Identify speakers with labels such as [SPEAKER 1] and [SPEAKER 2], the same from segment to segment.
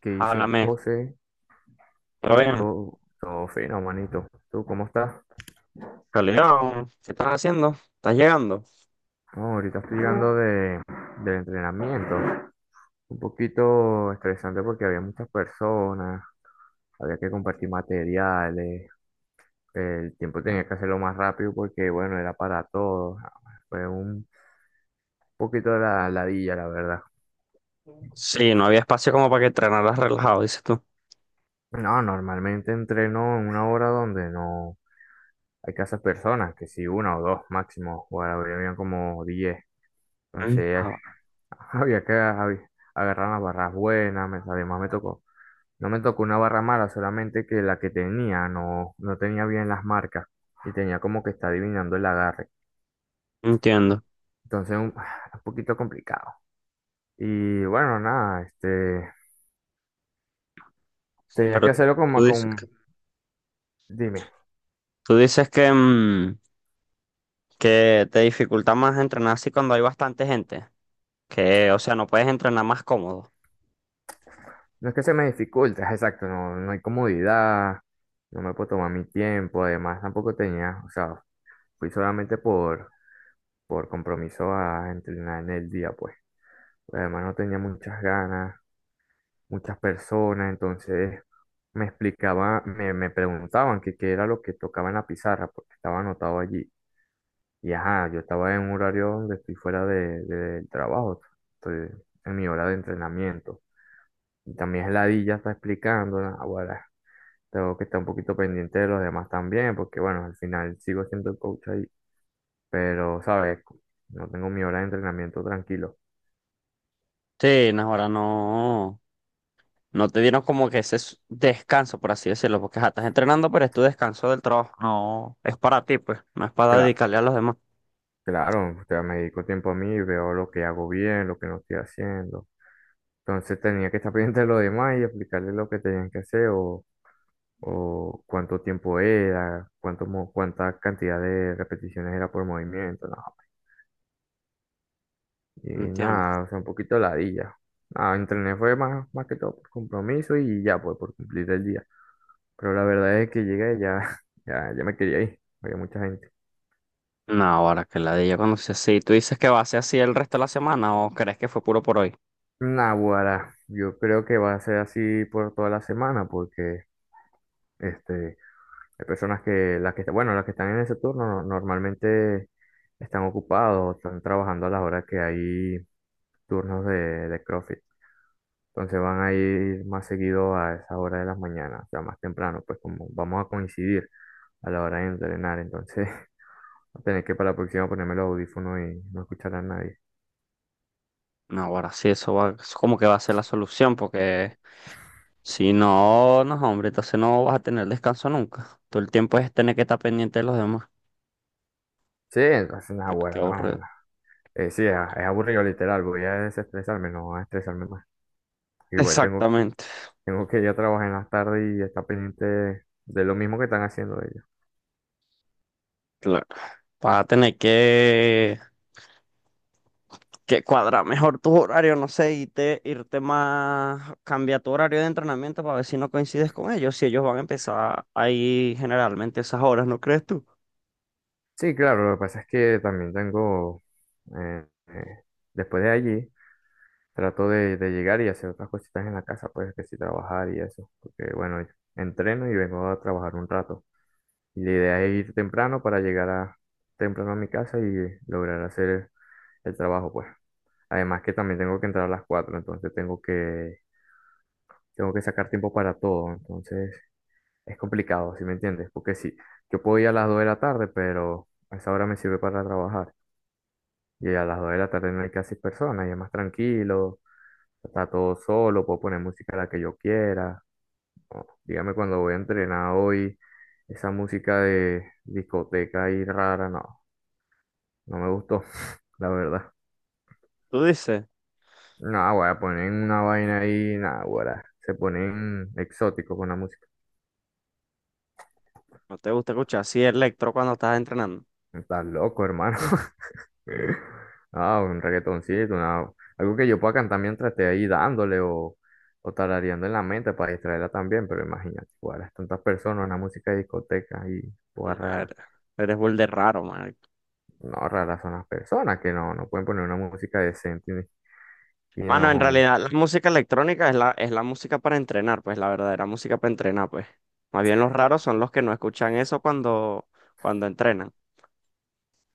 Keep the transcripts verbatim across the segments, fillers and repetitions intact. [SPEAKER 1] ¿Qué dice
[SPEAKER 2] Háblame,
[SPEAKER 1] José?
[SPEAKER 2] ¿todo bien?
[SPEAKER 1] Todo, todo fino, manito. ¿Tú cómo estás?
[SPEAKER 2] Calidad, ¿qué estás haciendo? ¿Estás llegando?
[SPEAKER 1] No, ahorita estoy llegando de, del entrenamiento. Un poquito estresante porque había muchas personas, había que compartir materiales, el tiempo tenía que hacerlo más rápido porque, bueno, era para todos. Fue un poquito de la ladilla, la verdad.
[SPEAKER 2] Sí, no había espacio como para que entrenaras relajado, dices tú.
[SPEAKER 1] No, normalmente entreno en una hora donde no hay casas personas, que si una o dos máximo, o ahora habían como diez.
[SPEAKER 2] Mm,
[SPEAKER 1] Entonces,
[SPEAKER 2] ah, bueno.
[SPEAKER 1] había que había- agarrar las barras buenas, me- además me tocó. No me tocó una barra mala, solamente que la que tenía no, no tenía bien las marcas y tenía como que está adivinando el agarre.
[SPEAKER 2] Entiendo.
[SPEAKER 1] Entonces, un, un poquito complicado. Y bueno, nada, este, tenía
[SPEAKER 2] Pero
[SPEAKER 1] que hacerlo como
[SPEAKER 2] tú dices, que-
[SPEAKER 1] con, dime,
[SPEAKER 2] tú dices que, mm, que te dificulta más entrenar así cuando hay bastante gente. Que, o sea, no puedes entrenar más cómodo.
[SPEAKER 1] no es que se me dificulte, exacto, no, no hay comodidad, no me puedo tomar mi tiempo, además tampoco tenía, o sea, fui solamente por, por compromiso a entrenar en el día, pues. Pues, además no tenía muchas ganas, muchas personas, entonces me explicaba, me, me preguntaban que qué era lo que tocaba en la pizarra, porque estaba anotado allí. Y ajá, yo estaba en un horario donde estoy fuera de, de- del trabajo, estoy en mi hora de entrenamiento. Y también la di ya está explicando, ah, bueno, tengo que estar un poquito pendiente de los demás también, porque bueno, al final sigo siendo el coach ahí, pero, ¿sabes? No tengo mi hora de entrenamiento tranquilo.
[SPEAKER 2] Sí, no, ahora no. No te dieron como que ese s- descanso, por así decirlo, porque ja, estás entrenando, pero es tu descanso del trabajo. No, es para ti, pues, no es para
[SPEAKER 1] Claro,
[SPEAKER 2] dedicarle a los demás.
[SPEAKER 1] claro, o sea, me dedico tiempo a mí, veo lo que hago bien, lo que no estoy haciendo. Entonces tenía que estar pendiente de lo demás y aplicarle lo que tenían que hacer o, o cuánto tiempo era, cuánto, mo- cuánta cantidad de repeticiones era por movimiento. No, y
[SPEAKER 2] Entiendo.
[SPEAKER 1] nada, o sea, un poquito ladilla. Nada, entrené fue más, más que todo por compromiso y ya, pues por cumplir el día. Pero la verdad es que llegué y ya, ya, ya me quería ir. Había mucha gente.
[SPEAKER 2] No, ahora que la de ella cuando sea así. ¿Tú dices que va a ser así el resto de la semana o crees que fue puro por hoy?
[SPEAKER 1] Naguará, yo creo que va a ser así por toda la semana porque este, hay personas que, las que, bueno, las que están en ese turno no- normalmente están ocupados, están trabajando a las horas que hay turnos de, de CrossFit. Entonces van a ir más seguido a esa hora de las mañanas, o sea, más temprano, pues como vamos a coincidir a la hora de entrenar, entonces voy a tener que, para la próxima, ponerme los audífonos y no escuchar a nadie.
[SPEAKER 2] No, ahora sí, eso va, eso como que va a ser la solución, porque si no, no, hombre, entonces no vas a tener descanso nunca. Todo el tiempo es tener que estar pendiente de los demás.
[SPEAKER 1] Sí, entonces,
[SPEAKER 2] Qué, qué
[SPEAKER 1] naguará,
[SPEAKER 2] aburrido.
[SPEAKER 1] no. Eh, sí, es, es aburrido, literal. Voy a desestresarme, no a estresarme más. Igual tengo,
[SPEAKER 2] Exactamente.
[SPEAKER 1] tengo que ir a trabajar en las tardes y estar pendiente de lo mismo que están haciendo ellos.
[SPEAKER 2] Claro. Vas a tener que, que cuadrar mejor tus horarios, no sé, y te, irte más, cambia tu horario de entrenamiento para ver si no coincides con ellos, si ellos van a empezar ahí generalmente esas horas, ¿no crees tú?
[SPEAKER 1] Sí, claro, lo que pasa es que también tengo, eh, eh, después de allí, trato de, de llegar y hacer otras cositas en la casa, pues, que sí, trabajar y eso. Porque bueno, entreno y vengo a trabajar un rato. Y la idea es ir temprano para llegar, a, temprano, a mi casa y lograr hacer el trabajo, pues. Además que también tengo que entrar a las cuatro, entonces tengo que, tengo que sacar tiempo para todo, entonces es complicado, ¿sí me entiendes? Porque sí, yo puedo ir a las dos de la tarde, pero a esa hora me sirve para trabajar. Y a las dos de la tarde no hay casi personas, y es más tranquilo, está todo solo, puedo poner música, la que yo quiera. O, dígame cuando voy a entrenar hoy, esa música de discoteca ahí rara, no. No me gustó, la verdad.
[SPEAKER 2] Tú dices,
[SPEAKER 1] No, güey, ponen una vaina ahí, nada, güey. Se ponen exóticos con la música.
[SPEAKER 2] no te gusta escuchar así electro cuando estás entrenando.
[SPEAKER 1] Estás loco, hermano. Ah, un reggaetoncito, una- algo que yo pueda cantar mientras esté ahí dándole, o, o tarareando en la mente para distraerla también, pero imagínate, güey, tantas personas, una música de discoteca y pues rara.
[SPEAKER 2] Madre, eres burde raro, man.
[SPEAKER 1] No, raras son las personas que no, no pueden poner una música decente y, y
[SPEAKER 2] Bueno,
[SPEAKER 1] no,
[SPEAKER 2] en
[SPEAKER 1] hombre.
[SPEAKER 2] realidad la música electrónica es la, es la música para entrenar, pues la verdadera música para entrenar, pues. Más bien los raros son los que no escuchan eso cuando, cuando entrenan.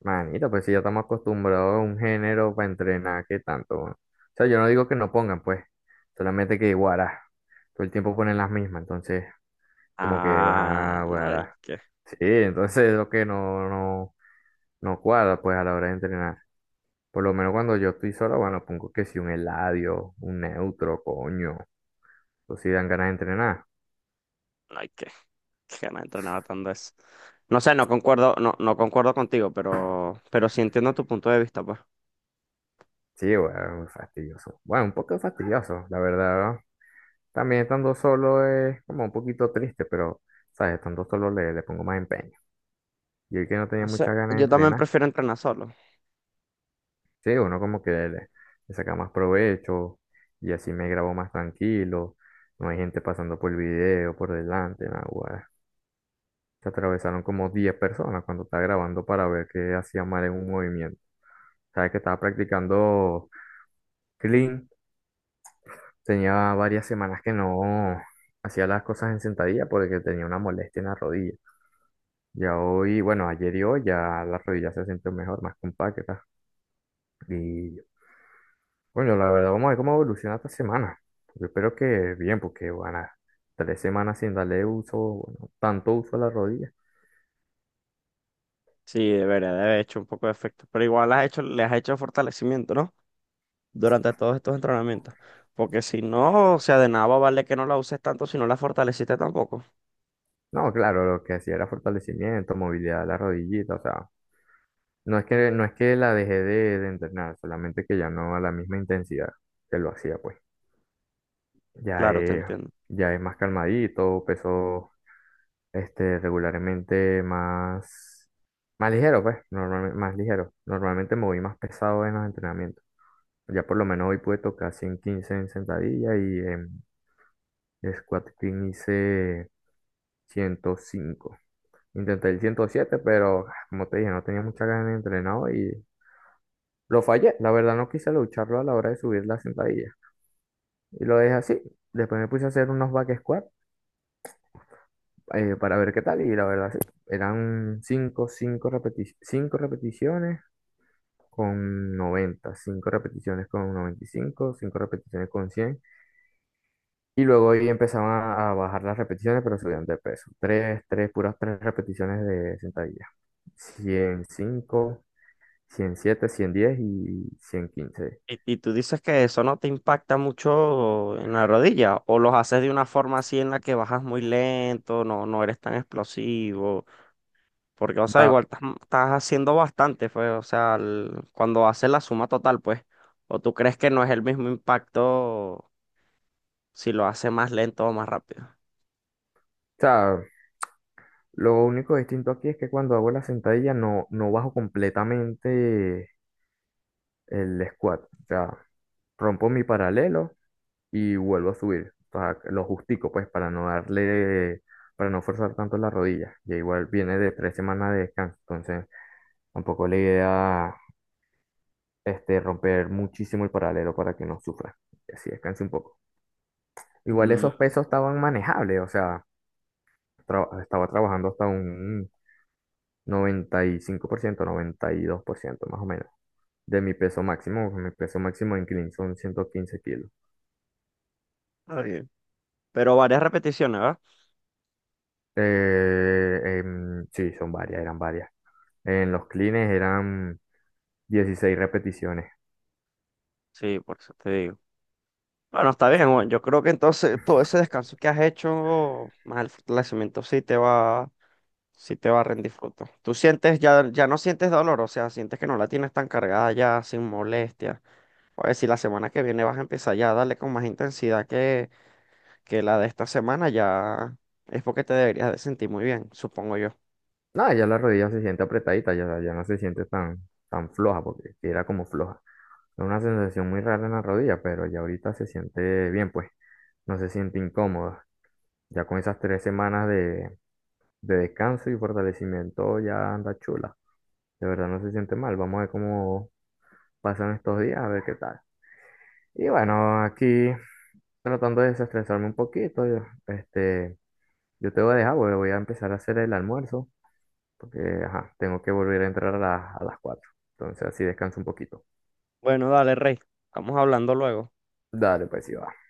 [SPEAKER 1] Manito, pues si ya estamos acostumbrados a un género para entrenar, ¿qué tanto? O sea, yo no digo que no pongan, pues, solamente que guará, todo el tiempo ponen las mismas, entonces, como que,
[SPEAKER 2] Ah,
[SPEAKER 1] ah,
[SPEAKER 2] no hay
[SPEAKER 1] guará.
[SPEAKER 2] que,
[SPEAKER 1] Sí, entonces es lo que no, no, no cuadra, pues, a la hora de entrenar. Por lo menos cuando yo estoy solo, bueno, pongo que si un Eladio, un Neutro, coño, o si dan ganas de entrenar.
[SPEAKER 2] no hay que, que ganas entrenaba tanto eso. No sé, no concuerdo, no, no concuerdo contigo, pero, pero sí entiendo tu punto de vista, pues.
[SPEAKER 1] Sí, bueno, fastidioso. Bueno, un poco fastidioso, la verdad, ¿no? También estando solo es como un poquito triste, pero, ¿sabes? Estando solo le, le pongo más empeño. Y el que no tenía
[SPEAKER 2] No sé,
[SPEAKER 1] muchas ganas de
[SPEAKER 2] yo también
[SPEAKER 1] entrenar,
[SPEAKER 2] prefiero entrenar solo.
[SPEAKER 1] sí, uno como que le, le saca más provecho y así me grabo más tranquilo. No hay gente pasando por el video, por delante, nada, guay. Se atravesaron como diez personas cuando estaba grabando para ver qué hacía mal en un movimiento. ¿Sabes? Que estaba practicando clean. Tenía varias semanas que no hacía las cosas en sentadilla porque tenía una molestia en la rodilla. Ya hoy, bueno, ayer y hoy, ya la rodilla se sintió mejor, más compacta. Y bueno, la verdad, vamos a ver cómo evoluciona esta semana. Yo espero que bien, porque van a tres semanas sin darle uso, bueno, tanto uso, a la rodilla.
[SPEAKER 2] Sí, debería de haber hecho un poco de efecto, pero igual has hecho, le has hecho fortalecimiento, ¿no? Durante todos estos entrenamientos. Porque si no, o sea, de nada va a valer que no la uses tanto si no la fortaleciste tampoco.
[SPEAKER 1] No, claro, lo que hacía era fortalecimiento, movilidad de la rodillita, o sea, no es que, no es que la dejé de, de entrenar, solamente que ya no a la misma intensidad que lo hacía, pues. Ya
[SPEAKER 2] Claro, te
[SPEAKER 1] es,
[SPEAKER 2] entiendo.
[SPEAKER 1] ya es más calmadito, peso, este, regularmente más, más, ligero, pues, normalmente, más ligero. Normalmente me voy más pesado en los entrenamientos. Ya por lo menos hoy pude tocar ciento quince en sentadilla, y en squat clean hice ciento cinco. Intenté el ciento siete, pero ah, como te dije, no tenía mucha ganas de entrenar hoy y lo fallé. La verdad no quise lucharlo a la hora de subir la sentadilla. Y lo dejé así. Después me puse a hacer unos back squat, eh, para ver qué tal, y la verdad sí. Eran cinco, cinco repeti- cinco repeticiones con noventa, cinco repeticiones con noventa y cinco, cinco cinco repeticiones con cien, y luego ahí empezaban a, a bajar las repeticiones, pero subían de peso. Tres tres puras tres repeticiones de sentadilla. ciento cinco, ciento siete, ciento diez y ciento quince.
[SPEAKER 2] Y, y tú dices que eso no te impacta mucho en la rodilla, o los haces de una forma así en la que bajas muy lento, no, no eres tan explosivo, porque, o sea,
[SPEAKER 1] Va- o
[SPEAKER 2] igual estás, estás haciendo bastante, pues, o sea, el- cuando haces la suma total, pues, o tú crees que no es el mismo impacto si lo haces más lento o más rápido.
[SPEAKER 1] sea, lo único distinto aquí es que cuando hago la sentadilla no, no bajo completamente el squat. O sea, rompo mi paralelo y vuelvo a subir. O sea, lo justico, pues, para no darle, para no forzar tanto las rodillas. Ya igual viene de tres semanas de descanso, entonces tampoco la idea, este, romper muchísimo el paralelo para que no sufra. Y así descanse un poco. Igual
[SPEAKER 2] Mm,
[SPEAKER 1] esos pesos estaban manejables, o sea, tra- estaba trabajando hasta un noventa, noventa y y cinco por ciento, noventa y dos por ciento más o menos. De mi peso máximo, mi peso máximo en clean son ciento quince kilos.
[SPEAKER 2] está bien. Pero varias repeticiones, ¿verdad?
[SPEAKER 1] Eh, em, sí, son varias, eran varias. En los cleans eran dieciséis repeticiones.
[SPEAKER 2] Sí, por eso te digo. Bueno, está bien, bueno, yo creo que entonces todo ese descanso que has hecho, más el fortalecimiento sí te va. Sí te va a rendir fruto. Tú sientes, ya, ya no sientes dolor, o sea, sientes que no la tienes tan cargada ya, sin molestia. O sea, si la semana que viene vas a empezar ya a darle con más intensidad que, que la de esta semana, ya es porque te deberías de sentir muy bien, supongo yo.
[SPEAKER 1] Nada, ya la rodilla se siente apretadita, ya, ya no se siente tan, tan, floja, porque sí era como floja. Es una sensación muy rara en la rodilla, pero ya ahorita se siente bien, pues no se siente incómoda. Ya con esas tres semanas de, de descanso y fortalecimiento ya anda chula. De verdad no se siente mal. Vamos a ver cómo pasan estos días, a ver qué tal. Y bueno, aquí tratando de desestresarme un poquito, yo- este, yo te voy a dejar, porque voy a empezar a hacer el almuerzo. Porque, ajá, tengo que volver a entrar a, las- a las cuatro. Entonces así descanso un poquito.
[SPEAKER 2] Bueno, dale, Rey. Estamos hablando luego.
[SPEAKER 1] Dale, pues sí va.